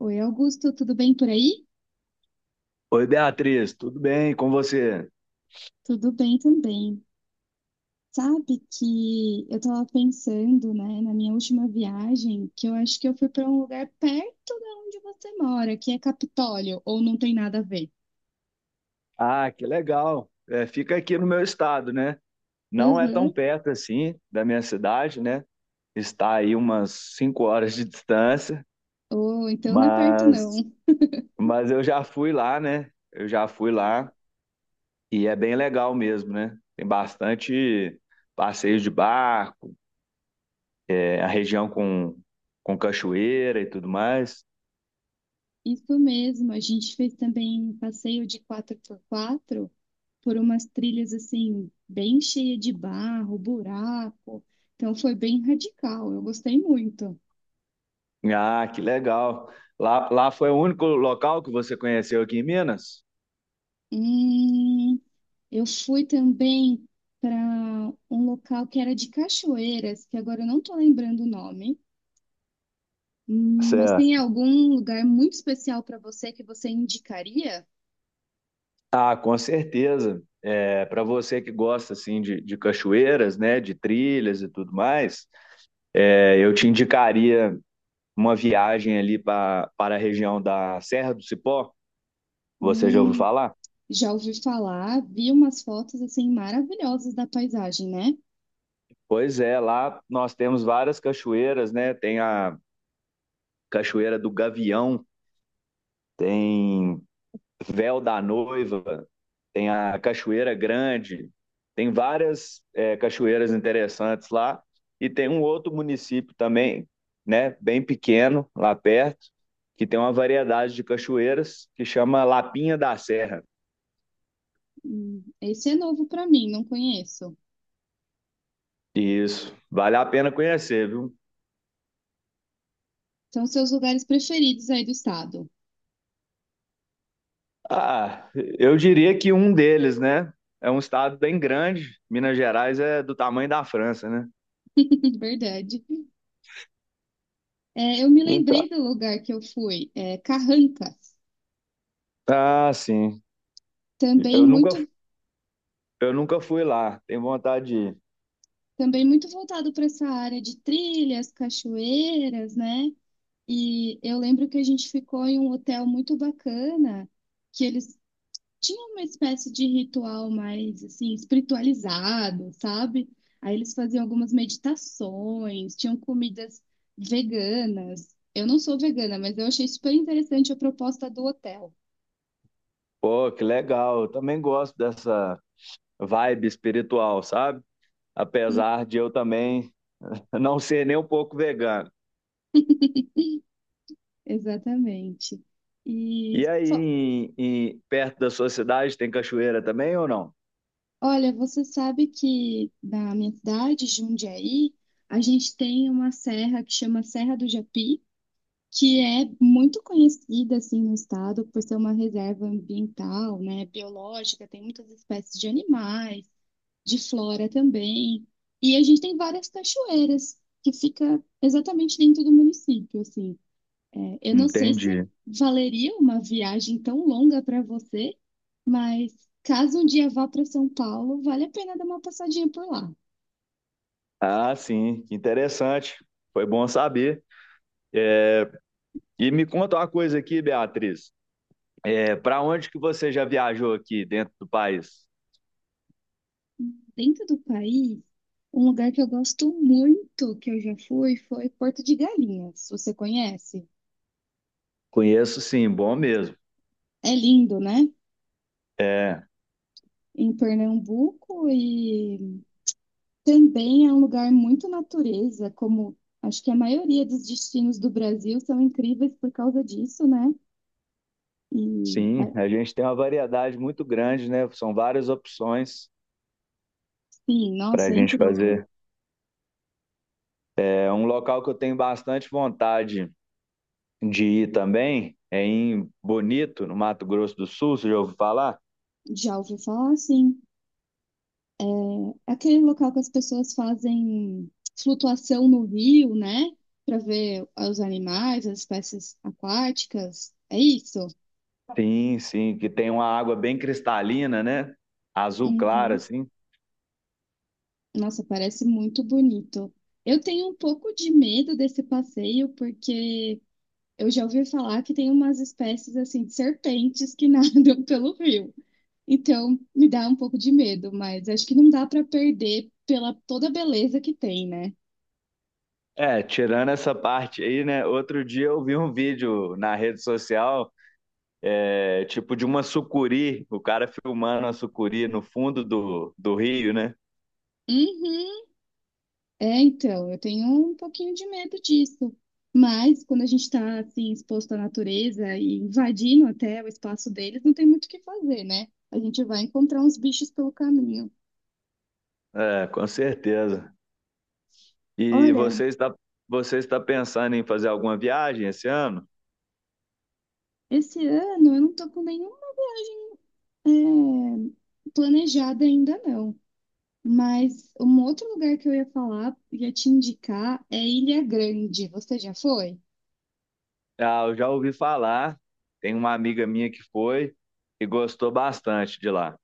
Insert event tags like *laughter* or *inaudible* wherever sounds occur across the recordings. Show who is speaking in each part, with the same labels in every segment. Speaker 1: Oi, Augusto, tudo bem por aí?
Speaker 2: Oi, Beatriz, tudo bem com você?
Speaker 1: Tudo bem também. Sabe que eu tava pensando, né, na minha última viagem, que eu acho que eu fui para um lugar perto da onde você mora, que é Capitólio, ou não tem nada a ver?
Speaker 2: Ah, que legal. É, fica aqui no meu estado, né? Não é tão
Speaker 1: Aham.
Speaker 2: perto assim da minha cidade, né? Está aí umas 5 horas de distância,
Speaker 1: Ou então não é perto não.
Speaker 2: mas, mas eu já fui lá, né? Eu já fui lá e é bem legal mesmo, né? Tem bastante passeio de barco, é, a região com cachoeira e tudo mais.
Speaker 1: Isso mesmo, a gente fez também um passeio de 4x4 por umas trilhas assim, bem cheia de barro, buraco. Então foi bem radical, eu gostei muito.
Speaker 2: Ah, que legal. Lá foi o único local que você conheceu aqui em Minas?
Speaker 1: Hum, eu fui também para um local que era de cachoeiras, que agora eu não estou lembrando o nome. Mas tem algum lugar muito especial para você que você indicaria?
Speaker 2: Ah, com certeza. É, para você que gosta assim de cachoeiras, né, de trilhas e tudo mais, é, eu te indicaria uma viagem ali para a região da Serra do Cipó. Você já ouviu
Speaker 1: Hum,
Speaker 2: falar?
Speaker 1: Já ouvi falar, vi umas fotos assim maravilhosas da paisagem, né?
Speaker 2: Pois é, lá nós temos várias cachoeiras, né? Tem a Cachoeira do Gavião, tem Véu da Noiva, tem a Cachoeira Grande, tem várias é, cachoeiras interessantes lá. E tem um outro município também, né, bem pequeno, lá perto, que tem uma variedade de cachoeiras que chama Lapinha da Serra.
Speaker 1: Esse é novo para mim, não conheço.
Speaker 2: Isso, vale a pena conhecer, viu?
Speaker 1: São seus lugares preferidos aí do estado.
Speaker 2: Ah, eu diria que um deles, né? É um estado bem grande. Minas Gerais é do tamanho da França, né?
Speaker 1: *laughs* Verdade. Eu me
Speaker 2: Então,
Speaker 1: lembrei do lugar que eu fui, Carrancas.
Speaker 2: ah, sim.
Speaker 1: Também
Speaker 2: Eu nunca,
Speaker 1: muito
Speaker 2: eu nunca fui lá. Tenho vontade de ir.
Speaker 1: Voltado para essa área de trilhas, cachoeiras, né? E eu lembro que a gente ficou em um hotel muito bacana, que eles tinham uma espécie de ritual mais assim espiritualizado, sabe? Aí eles faziam algumas meditações, tinham comidas veganas. Eu não sou vegana, mas eu achei super interessante a proposta do hotel.
Speaker 2: Pô, que legal. Eu também gosto dessa vibe espiritual, sabe?
Speaker 1: Hum,
Speaker 2: Apesar de eu também *laughs* não ser nem um pouco vegano.
Speaker 1: exatamente. E
Speaker 2: E aí,
Speaker 1: fo-
Speaker 2: perto da sua cidade, tem cachoeira também ou não?
Speaker 1: Olha, você sabe que na minha cidade, Jundiaí, a gente tem uma serra que chama Serra do Japi, que é muito conhecida assim no estado por ser uma reserva ambiental, né, biológica, tem muitas espécies de animais, de flora também. E a gente tem várias cachoeiras que fica exatamente dentro do município, assim. Eu não sei se
Speaker 2: Entendi.
Speaker 1: valeria uma viagem tão longa para você, mas caso um dia vá para São Paulo, vale a pena dar uma passadinha por lá.
Speaker 2: Ah, sim, que interessante. Foi bom saber. E me conta uma coisa aqui, Beatriz. É, para onde que você já viajou aqui dentro do país?
Speaker 1: Dentro do país, um lugar que eu gosto muito, que eu já fui, foi Porto de Galinhas. Você conhece?
Speaker 2: Conheço, sim, bom mesmo.
Speaker 1: É lindo, né?
Speaker 2: É,
Speaker 1: Em Pernambuco e também é um lugar muito natureza, como acho que a maioria dos destinos do Brasil são incríveis por causa disso, né? E é,
Speaker 2: sim, a gente tem uma variedade muito grande, né? São várias opções
Speaker 1: sim,
Speaker 2: para
Speaker 1: nossa,
Speaker 2: a
Speaker 1: é
Speaker 2: gente
Speaker 1: incrível.
Speaker 2: fazer. É um local que eu tenho bastante vontade de ir também, é em Bonito, no Mato Grosso do Sul, você já ouviu falar?
Speaker 1: Já ouvi falar assim. É aquele local que as pessoas fazem flutuação no rio, né? Para ver os animais, as espécies aquáticas. É isso?
Speaker 2: Sim, sim, que tem uma água bem cristalina, né? Azul clara,
Speaker 1: Uhum.
Speaker 2: assim.
Speaker 1: Nossa, parece muito bonito. Eu tenho um pouco de medo desse passeio, porque eu já ouvi falar que tem umas espécies assim de serpentes que *laughs* nadam pelo rio. Então, me dá um pouco de medo, mas acho que não dá para perder pela toda a beleza que tem, né?
Speaker 2: É, tirando essa parte aí, né? Outro dia eu vi um vídeo na rede social, é, tipo de uma sucuri, o cara filmando a sucuri no fundo do rio, né?
Speaker 1: Uhum. Então, eu tenho um pouquinho de medo disso. Mas quando a gente está assim exposto à natureza e invadindo até o espaço deles, não tem muito o que fazer, né? A gente vai encontrar uns bichos pelo caminho.
Speaker 2: É, com certeza. E
Speaker 1: Olha,
Speaker 2: você está pensando em fazer alguma viagem esse ano?
Speaker 1: esse ano eu não tô com nenhum é, planejado ainda não. Mas um outro lugar que eu ia falar, ia te indicar, é Ilha Grande. Você já foi?
Speaker 2: Ah, eu já ouvi falar. Tem uma amiga minha que foi e gostou bastante de lá.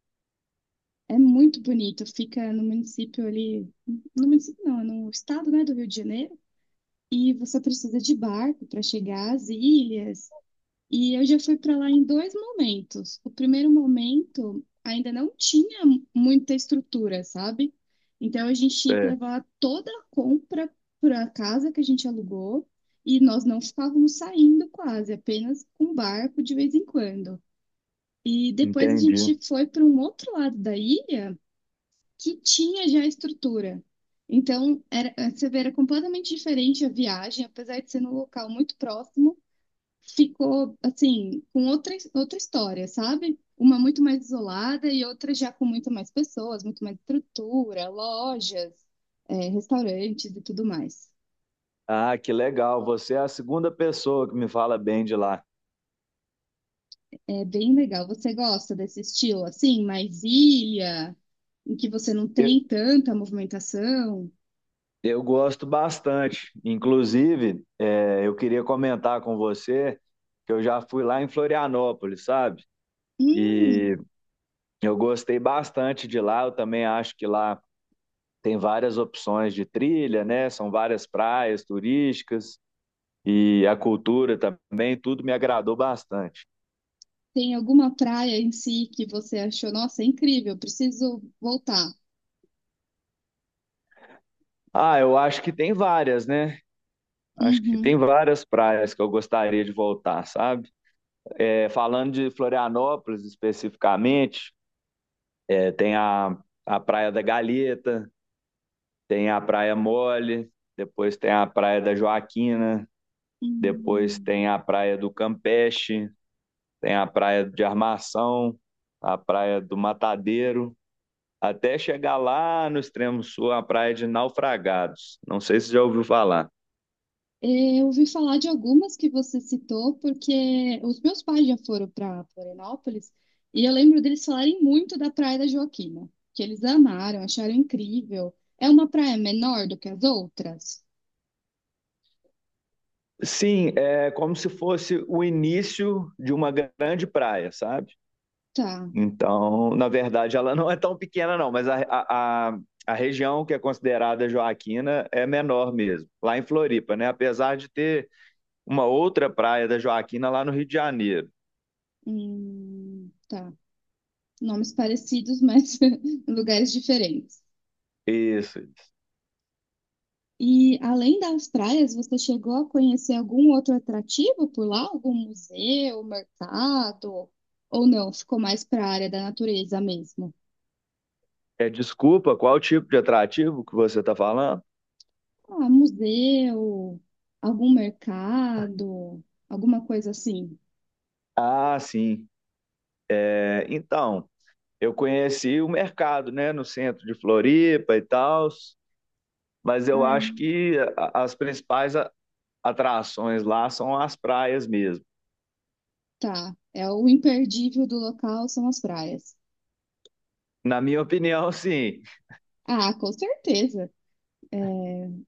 Speaker 1: É muito bonito, fica no município ali, no município não, é no estado, né, do Rio de Janeiro. E você precisa de barco para chegar às ilhas. E eu já fui para lá em dois momentos. O primeiro momento ainda não tinha muita estrutura, sabe? Então a gente tinha que
Speaker 2: Cê-
Speaker 1: levar toda a compra para a casa que a gente alugou e nós não ficávamos saindo quase, apenas com barco de vez em quando. E depois a
Speaker 2: Entendi.
Speaker 1: gente foi para um outro lado da ilha que tinha já estrutura. Então, era, você vê, era completamente diferente a viagem, apesar de ser num local muito próximo, ficou, assim, com outra, outra história, sabe? Uma muito mais isolada e outra já com muito mais pessoas, muito mais estrutura, lojas, é, restaurantes e tudo mais.
Speaker 2: Ah, que legal. Você é a segunda pessoa que me fala bem de lá.
Speaker 1: É bem legal. Você gosta desse estilo, assim, mais ilha, em que você não
Speaker 2: Eu,
Speaker 1: tem tanta movimentação?
Speaker 2: eu gosto bastante. Inclusive, é, eu queria comentar com você que eu já fui lá em Florianópolis, sabe?
Speaker 1: Hum,
Speaker 2: E eu gostei bastante de lá. Eu também acho que lá tem várias opções de trilha, né? São várias praias turísticas. E a cultura também, tudo me agradou bastante.
Speaker 1: Tem alguma praia em si que você achou, nossa, é incrível, preciso voltar?
Speaker 2: Ah, eu acho que tem várias, né? Acho que
Speaker 1: Uhum.
Speaker 2: tem várias praias que eu gostaria de voltar, sabe? É, falando de Florianópolis especificamente, é, tem a Praia da Galheta, tem a Praia Mole, depois tem a Praia da Joaquina, depois
Speaker 1: Hum.
Speaker 2: tem a Praia do Campeche, tem a Praia de Armação, a Praia do Matadeiro. Até chegar lá no extremo sul, a praia de Naufragados. Não sei se já ouviu falar.
Speaker 1: Eu ouvi falar de algumas que você citou, porque os meus pais já foram para Florianópolis e eu lembro deles falarem muito da Praia da Joaquina, que eles amaram, acharam incrível. É uma praia menor do que as outras?
Speaker 2: Sim, é como se fosse o início de uma grande praia, sabe?
Speaker 1: Tá,
Speaker 2: Então, na verdade, ela não é tão pequena, não, mas a região que é considerada Joaquina é menor mesmo, lá em Floripa, né? Apesar de ter uma outra praia da Joaquina lá no Rio de Janeiro.
Speaker 1: tá. Nomes parecidos, mas *laughs* lugares diferentes.
Speaker 2: Isso. Isso.
Speaker 1: E além das praias, você chegou a conhecer algum outro atrativo por lá? Algum museu, mercado? Ou não? Ficou mais para a área da natureza mesmo?
Speaker 2: É, desculpa, qual tipo de atrativo que você está falando?
Speaker 1: Ah, museu, algum mercado, alguma coisa assim.
Speaker 2: Ah, sim. É, então, eu conheci o mercado, né, no centro de Floripa e tal, mas eu
Speaker 1: Ah,
Speaker 2: acho
Speaker 1: é.
Speaker 2: que as principais atrações lá são as praias mesmo.
Speaker 1: Tá. É o imperdível do local são as praias.
Speaker 2: Na minha opinião, sim.
Speaker 1: Ah, com certeza. É,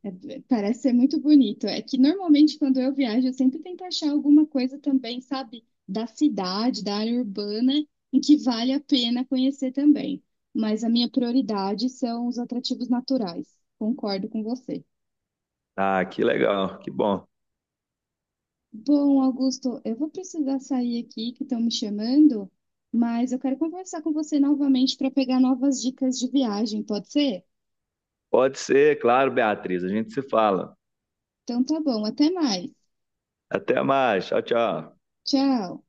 Speaker 1: É, Parece ser muito bonito. É que normalmente quando eu viajo, eu sempre tento achar alguma coisa também, sabe, da cidade, da área urbana, em que vale a pena conhecer também. Mas a minha prioridade são os atrativos naturais. Concordo com você.
Speaker 2: Ah, que legal, que bom.
Speaker 1: Bom, Augusto, eu vou precisar sair aqui, que estão me chamando, mas eu quero conversar com você novamente para pegar novas dicas de viagem, pode ser?
Speaker 2: Pode ser, claro, Beatriz, a gente se fala.
Speaker 1: Então tá bom, até mais.
Speaker 2: Até mais, tchau, tchau.
Speaker 1: Tchau.